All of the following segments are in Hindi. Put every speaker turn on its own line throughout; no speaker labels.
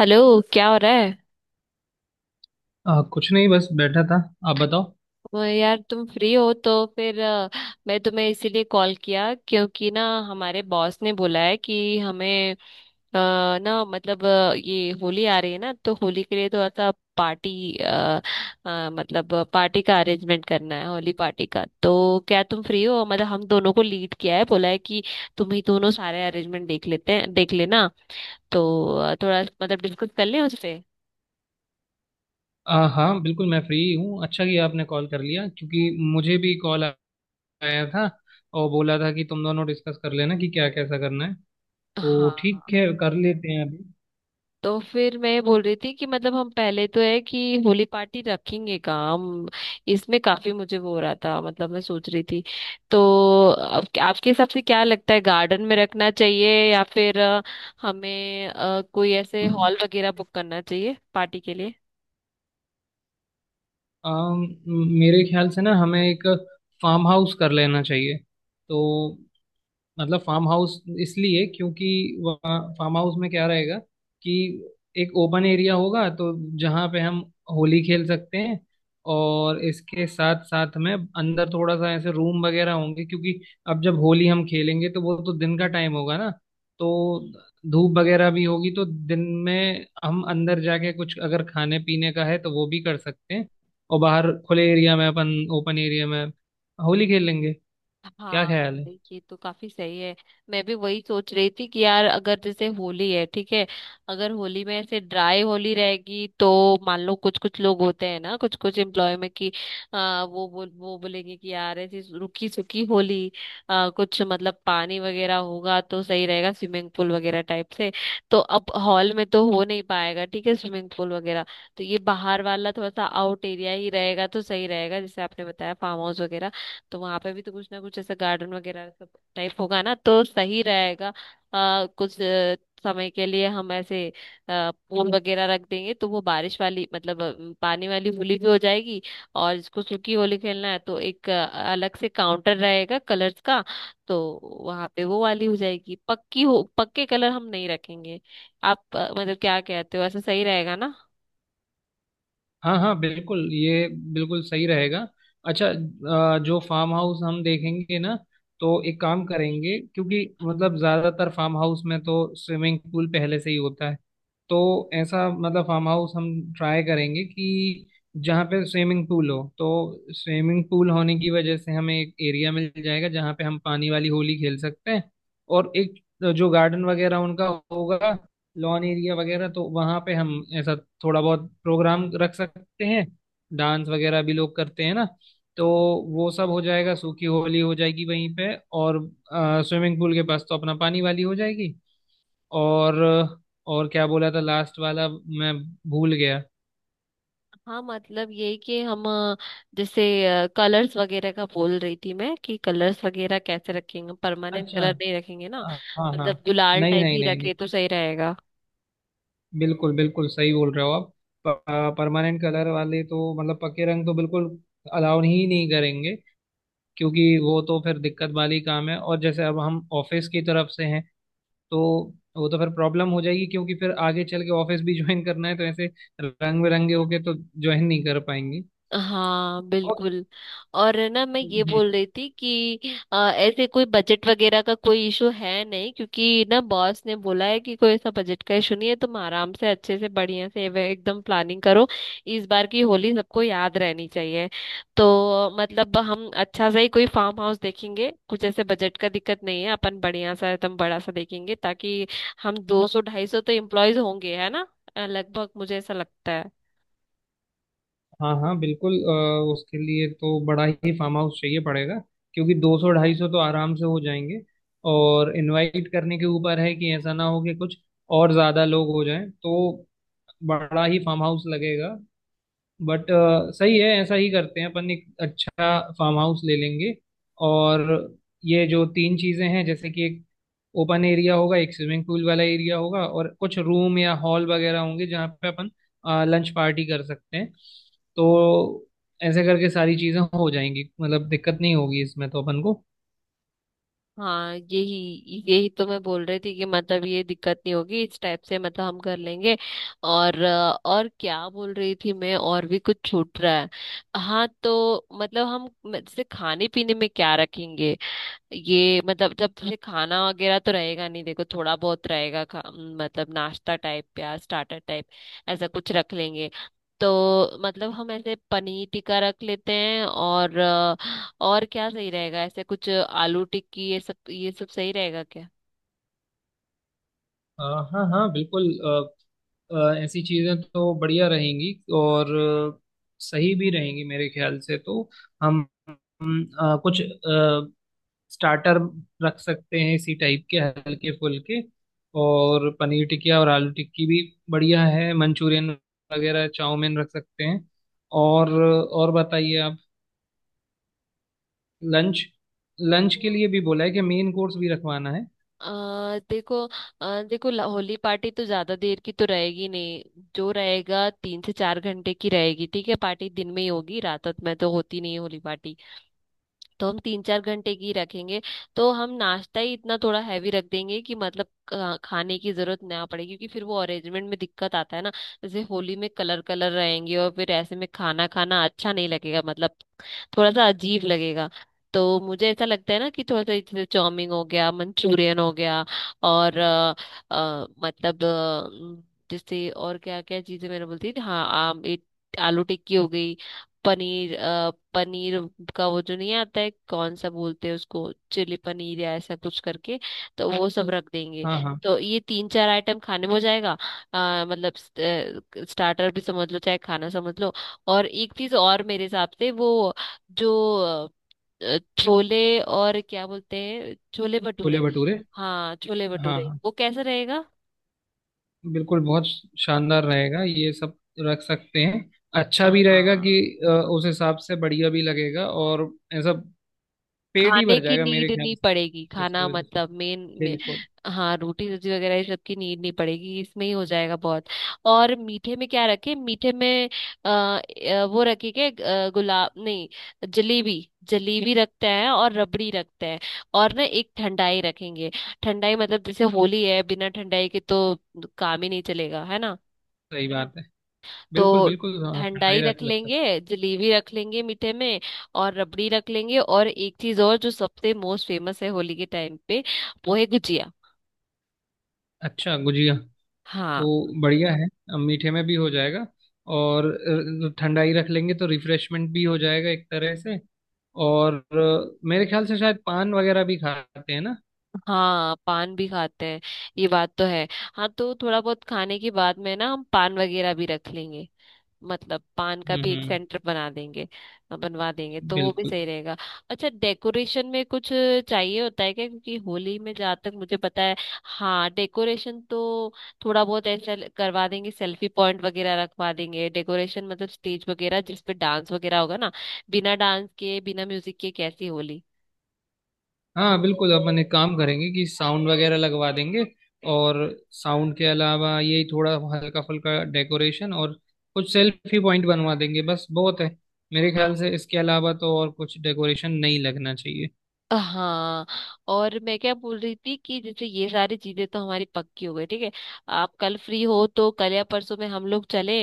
हेलो। क्या हो रहा है?
आ, कुछ नहीं बस बैठा था। आप बताओ।
वो यार, तुम फ्री हो तो फिर मैं तुम्हें इसीलिए कॉल किया क्योंकि ना, हमारे बॉस ने बोला है कि हमें ना, मतलब ये होली आ रही है ना, तो होली के लिए थोड़ा सा पार्टी मतलब पार्टी का अरेंजमेंट करना है, होली पार्टी का। तो क्या तुम फ्री हो? मतलब हम दोनों को लीड किया है, बोला है कि तुम ही दोनों सारे अरेंजमेंट देख लेते हैं, देख लेना। तो थोड़ा मतलब डिस्कस कर लें उससे।
आ, हाँ बिल्कुल मैं फ्री हूँ। अच्छा किया आपने कॉल कर लिया क्योंकि मुझे भी कॉल आया था और बोला था कि तुम दोनों डिस्कस कर लेना कि क्या कैसा करना है। तो
हाँ,
ठीक है कर लेते हैं अभी।
तो फिर मैं ये बोल रही थी कि मतलब हम पहले तो है कि होली पार्टी रखेंगे काम। इसमें काफी मुझे वो हो रहा था, मतलब मैं सोच रही थी। तो अब आपके हिसाब से क्या लगता है, गार्डन में रखना चाहिए या फिर हमें कोई ऐसे हॉल वगैरह बुक करना चाहिए पार्टी के लिए?
आ, मेरे ख्याल से ना हमें एक फार्म हाउस कर लेना चाहिए। तो मतलब फार्म हाउस इसलिए क्योंकि वहाँ फार्म हाउस में क्या रहेगा कि एक ओपन एरिया होगा, तो जहाँ पे हम होली खेल सकते हैं। और इसके साथ साथ में अंदर थोड़ा सा ऐसे रूम वगैरह होंगे क्योंकि अब जब होली हम खेलेंगे तो वो तो दिन का टाइम होगा ना। तो धूप वगैरह भी होगी तो दिन में हम अंदर जाके कुछ अगर खाने पीने का है तो वो भी कर सकते हैं। और बाहर खुले एरिया में अपन ओपन एरिया में होली खेल लेंगे। क्या
हाँ,
ख्याल है?
ये तो काफी सही है। मैं भी वही सोच रही थी कि यार, अगर जैसे होली है, ठीक है, अगर होली में ऐसे ड्राई होली रहेगी तो मान लो कुछ कुछ लोग होते हैं ना, कुछ कुछ एम्प्लॉय में कि वो बोलेंगे कि यार, ऐसी रुकी सुकी होली। कुछ मतलब पानी वगैरह होगा तो सही रहेगा, स्विमिंग पूल वगैरह टाइप से। तो अब हॉल में तो हो नहीं पाएगा, ठीक है, स्विमिंग पूल वगैरह। तो ये बाहर वाला थोड़ा सा आउट एरिया ही रहेगा तो सही रहेगा, जैसे आपने बताया फार्म हाउस वगैरह। तो वहां पे भी तो कुछ ना कुछ ऐसा गार्डन वगैरह सब टाइप होगा ना, तो सही रहेगा। कुछ समय के लिए हम ऐसे पूल वगैरह रख देंगे तो वो बारिश वाली, मतलब पानी वाली होली भी हो जाएगी। और जिसको सूखी होली खेलना है तो एक अलग से काउंटर रहेगा कलर्स का, तो वहां पे वो वाली हो जाएगी। पक्की हो पक्के कलर हम नहीं रखेंगे। आप मतलब क्या कहते हो, ऐसा सही रहेगा ना?
हाँ हाँ बिल्कुल ये बिल्कुल सही रहेगा। अच्छा, जो फार्म हाउस हम देखेंगे ना, तो एक काम करेंगे क्योंकि मतलब ज्यादातर फार्म हाउस में तो स्विमिंग पूल पहले से ही होता है। तो ऐसा मतलब फार्म हाउस हम ट्राई करेंगे कि जहाँ पे स्विमिंग पूल हो, तो स्विमिंग पूल होने की वजह से हमें एक एरिया मिल जाएगा जहाँ पे हम पानी वाली होली खेल सकते हैं। और एक जो गार्डन वगैरह उनका होगा, लॉन एरिया वगैरह, तो वहाँ पे हम ऐसा थोड़ा बहुत प्रोग्राम रख सकते हैं। डांस वगैरह भी लोग करते हैं ना। तो वो सब हो जाएगा, सूखी होली हो जाएगी वहीं पे। और स्विमिंग पूल के पास तो अपना पानी वाली हो जाएगी। और और क्या बोला था लास्ट वाला, मैं भूल गया।
हाँ मतलब, ये कि हम जैसे कलर्स वगैरह का बोल रही थी मैं कि कलर्स वगैरह कैसे रखेंगे, परमानेंट
अच्छा,
कलर नहीं रखेंगे ना,
हाँ हाँ,
मतलब गुलाल
नहीं
टाइप
नहीं
ही
नहीं नहीं,
रखे तो सही रहेगा।
बिल्कुल बिल्कुल सही बोल रहे हो आप। परमानेंट कलर वाले तो, मतलब पक्के रंग, तो बिल्कुल अलाउ ही नहीं करेंगे क्योंकि वो तो फिर दिक्कत वाली काम है। और जैसे अब हम ऑफिस की तरफ से हैं, तो वो तो फिर प्रॉब्लम हो जाएगी क्योंकि फिर आगे चल के ऑफिस भी ज्वाइन करना है। तो ऐसे रंग बिरंगे होके तो ज्वाइन नहीं कर पाएंगे।
हाँ
और
बिल्कुल। और है ना, मैं ये
हम्म,
बोल रही थी कि ऐसे कोई बजट वगैरह का कोई इशू है नहीं, क्योंकि ना, बॉस ने बोला है कि कोई ऐसा बजट का इशू नहीं है, तुम आराम से अच्छे से बढ़िया से एकदम प्लानिंग करो। इस बार की होली सबको याद रहनी चाहिए। तो मतलब हम अच्छा सा ही कोई फार्म हाउस देखेंगे, कुछ ऐसे बजट का दिक्कत नहीं है, अपन बढ़िया सा एकदम बड़ा सा देखेंगे, ताकि हम 200 250 तो एम्प्लॉयज होंगे, है ना? लगभग मुझे ऐसा लगता है।
हाँ हाँ बिल्कुल, उसके लिए तो बड़ा ही फार्म हाउस चाहिए पड़ेगा क्योंकि 200 ढाई सौ तो आराम से हो जाएंगे। और इनवाइट करने के ऊपर है कि ऐसा ना हो कि कुछ और ज्यादा लोग हो जाएं, तो बड़ा ही फार्म हाउस लगेगा। बट सही है, ऐसा ही करते हैं। अपन एक अच्छा फार्म हाउस ले लेंगे। और ये जो तीन चीजें हैं जैसे कि एक ओपन एरिया होगा, एक स्विमिंग पूल वाला एरिया होगा, और कुछ रूम या हॉल वगैरह होंगे जहाँ पे अपन लंच पार्टी कर सकते हैं। तो ऐसे करके सारी चीजें हो जाएंगी, मतलब दिक्कत नहीं होगी इसमें तो अपन को।
हाँ यही यही तो मैं बोल रही थी कि मतलब ये दिक्कत नहीं होगी, इस टाइप से मतलब हम कर लेंगे। और और क्या बोल रही थी मैं, और भी कुछ छूट रहा है? हाँ, तो मतलब हम जैसे खाने पीने में क्या रखेंगे? ये मतलब, जब तुझे खाना वगैरह तो रहेगा नहीं, देखो थोड़ा बहुत रहेगा, मतलब नाश्ता टाइप या स्टार्टर टाइप, ऐसा कुछ रख लेंगे। तो मतलब हम ऐसे पनीर टिक्का रख लेते हैं और और क्या सही रहेगा, ऐसे कुछ आलू टिक्की, ये सब सही रहेगा क्या?
अ, हाँ हाँ बिल्कुल, ऐसी चीज़ें तो बढ़िया रहेंगी। और सही भी रहेंगी मेरे ख्याल से। तो हम कुछ स्टार्टर रख सकते हैं इसी टाइप के हल्के फुल्के। और पनीर टिकिया और आलू टिक्की भी बढ़िया है। मंचूरियन वगैरह चाउमीन रख सकते हैं। और बताइए आप। लंच लंच के लिए भी बोला है कि मेन कोर्स भी रखवाना है।
अ, देखो, देखो होली पार्टी तो ज्यादा देर की तो रहेगी नहीं। जो रहेगा 3 से 4 घंटे की रहेगी, ठीक है, पार्टी दिन में ही होगी, रात रात में तो होती नहीं है होली पार्टी। तो हम 3 4 घंटे की रखेंगे। तो हम नाश्ता ही इतना थोड़ा हैवी रख देंगे कि मतलब खाने की जरूरत ना पड़े, क्योंकि फिर वो अरेंजमेंट में दिक्कत आता है ना। जैसे होली में कलर कलर रहेंगे और फिर ऐसे में खाना खाना अच्छा नहीं लगेगा, मतलब थोड़ा सा अजीब लगेगा। तो मुझे ऐसा लगता है ना कि थोड़ा सा जैसे चाउमीन हो गया, मंचूरियन हो गया, और मतलब जैसे और क्या क्या चीजें मैंने बोलती थी, हाँ, आम एक आलू टिक्की हो गई, पनीर पनीर का वो जो नहीं आता है, कौन सा बोलते हैं उसको, चिली पनीर या ऐसा कुछ करके, तो वो सब रख देंगे।
हाँ हाँ,
तो ये तीन चार आइटम खाने में हो जाएगा, मतलब स्टार्टर भी समझ लो, चाहे खाना समझ लो। और एक चीज और मेरे हिसाब से, वो जो छोले, और क्या बोलते हैं, छोले
छोले
भटूरे।
भटूरे।
हाँ छोले
हाँ
भटूरे,
हाँ
वो कैसा रहेगा?
बिल्कुल, बहुत शानदार रहेगा। ये सब रख सकते हैं, अच्छा भी रहेगा कि
हाँ,
उस हिसाब से बढ़िया भी लगेगा। और ऐसा पेट ही
खाने
भर
की
जाएगा मेरे
नीड नहीं
ख्याल से
पड़ेगी,
तो
खाना
उसकी वजह से।
मतलब मेन में।
बिल्कुल
हाँ, रोटी सब्जी वगैरह ये सब की नीड नहीं पड़ेगी, इसमें ही हो जाएगा बहुत। और मीठे में क्या रखें, मीठे में? आ, वो रखे के गुलाब नहीं, जलेबी, जलेबी रखते हैं और रबड़ी रखते हैं। और ना एक ठंडाई रखेंगे। ठंडाई मतलब, जैसे होली है, बिना ठंडाई के तो काम ही नहीं चलेगा, है ना?
सही बात है,
तो
बिल्कुल बिल्कुल, हाँ ठंडा ही
ठंडाई रख
रहता लग
लेंगे,
सकता।
जलेबी रख लेंगे मीठे में, और रबड़ी रख लेंगे। और एक चीज और, जो सबसे मोस्ट फेमस है होली के टाइम पे, वो है गुजिया।
अच्छा गुजिया,
हाँ,
तो बढ़िया है। अब मीठे में भी हो जाएगा। और ठंडा ही रख लेंगे तो रिफ्रेशमेंट भी हो जाएगा एक तरह से। और मेरे ख्याल से शायद पान वगैरह भी खाते हैं ना।
हाँ पान भी खाते हैं, ये बात तो है। हाँ तो थोड़ा बहुत खाने के बाद में ना हम पान वगैरह भी रख लेंगे, मतलब पान का भी एक
हम्म,
सेंटर बना देंगे, बनवा देंगे तो वो भी
बिल्कुल।
सही रहेगा। अच्छा, डेकोरेशन में कुछ चाहिए होता है क्या, क्योंकि होली में जहाँ तक मुझे पता है, हाँ, डेकोरेशन तो थोड़ा बहुत ऐसा करवा देंगे, सेल्फी पॉइंट वगैरह रखवा देंगे, डेकोरेशन मतलब स्टेज वगैरह जिस पे डांस वगैरह होगा ना, बिना डांस के बिना म्यूजिक के कैसी होली।
हाँ बिल्कुल, अपन एक काम करेंगे कि साउंड वगैरह लगवा देंगे। और साउंड के अलावा यही थोड़ा हल्का फुल्का डेकोरेशन और कुछ सेल्फी पॉइंट बनवा देंगे, बस बहुत है। मेरे ख्याल से इसके अलावा तो और कुछ डेकोरेशन नहीं लगना चाहिए।
हाँ, और मैं क्या बोल रही थी कि जैसे ये सारी चीजें तो हमारी पक्की हो गई, ठीक है, आप कल फ्री हो तो कल या परसों में हम लोग चले।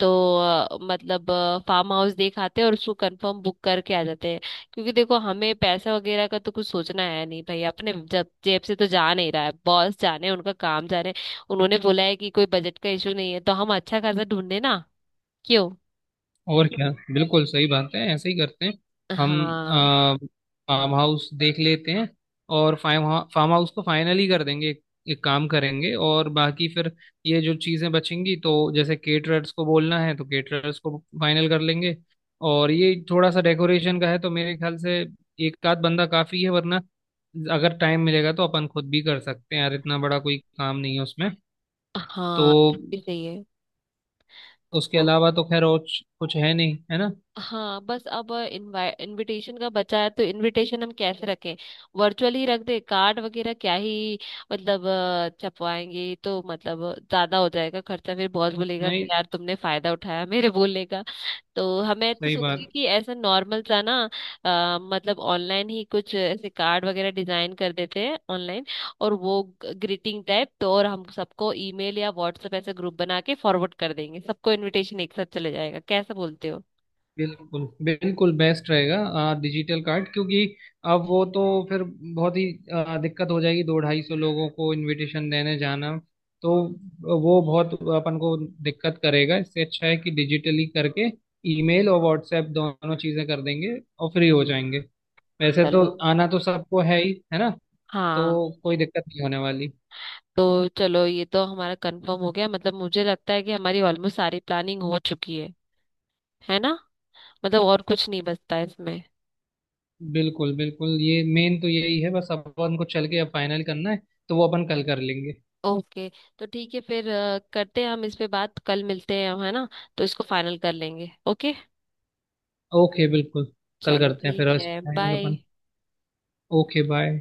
तो मतलब फार्म हाउस देख आते हैं और उसको कंफर्म बुक करके आ जाते हैं, क्योंकि देखो, हमें पैसा वगैरह का तो कुछ सोचना है नहीं भाई, अपने जब जेब से तो जा नहीं रहा है, बॉस जाने उनका काम जाने। उन्होंने बोला है कि कोई बजट का इशू नहीं है, तो हम अच्छा खासा ढूंढे ना, क्यों?
और क्या, बिल्कुल सही बात है, ऐसे ही करते हैं। हम
हाँ,
फार्म हाउस देख लेते हैं और फार्म फार्म हाउस को फाइनल ही कर देंगे। एक काम करेंगे और बाकी फिर ये जो चीज़ें बचेंगी, तो जैसे केटरर्स को बोलना है तो केटरर्स को फाइनल कर लेंगे। और ये थोड़ा सा डेकोरेशन का है, तो मेरे ख्याल से एक आध बंदा काफ़ी है। वरना अगर टाइम मिलेगा तो अपन खुद भी कर सकते हैं यार, इतना बड़ा कोई काम नहीं है उसमें। तो
हाँ ये सही
उसके
है।
अलावा तो खैर और कुछ है नहीं, है ना?
हाँ बस अब इनविटेशन का बचा है, तो इनविटेशन हम कैसे रखें, वर्चुअल ही रख दे, कार्ड वगैरह क्या ही, मतलब छपवाएंगे तो मतलब ज्यादा हो जाएगा खर्चा, फिर बॉस बोलेगा कि
नहीं
यार तुमने फायदा उठाया मेरे बोलने का। तो हमें तो
सही
सोच
बात
रही
है।
कि ऐसा नॉर्मल सा ना, मतलब ऑनलाइन ही कुछ ऐसे कार्ड वगैरह डिजाइन कर देते हैं ऑनलाइन, और वो ग्रीटिंग टाइप तो, और हम सबको ईमेल या व्हाट्सएप ऐसे ग्रुप बना के फॉरवर्ड कर देंगे, सबको इनविटेशन एक साथ चले जाएगा, कैसा बोलते हो?
बिल्कुल बिल्कुल बेस्ट रहेगा डिजिटल कार्ड, क्योंकि अब वो तो फिर बहुत ही दिक्कत हो जाएगी दो ढाई सौ लोगों को इनविटेशन देने जाना। तो वो बहुत अपन को दिक्कत करेगा। इससे अच्छा है कि डिजिटली करके ईमेल और व्हाट्सएप दोनों चीज़ें कर देंगे और फ्री हो जाएंगे। वैसे तो
चलो।
आना तो सबको है ही, है ना?
हाँ
तो कोई दिक्कत नहीं होने वाली।
तो चलो, ये तो हमारा कंफर्म हो गया, मतलब मुझे लगता है कि हमारी ऑलमोस्ट सारी प्लानिंग हो चुकी है ना? मतलब और कुछ नहीं बचता है इसमें।
बिल्कुल बिल्कुल, ये मेन तो यही है, बस अपन को चल के अब फाइनल करना है। तो वो अपन कल कर लेंगे।
ओके, तो ठीक है फिर, करते हैं हम इस पे बात कल, मिलते हैं हम है ना, तो इसको फाइनल कर लेंगे। ओके,
ओके बिल्कुल, कल
चलो
करते हैं फिर।
ठीक
आज
है,
आएंगे
बाय।
अपन। Okay bye.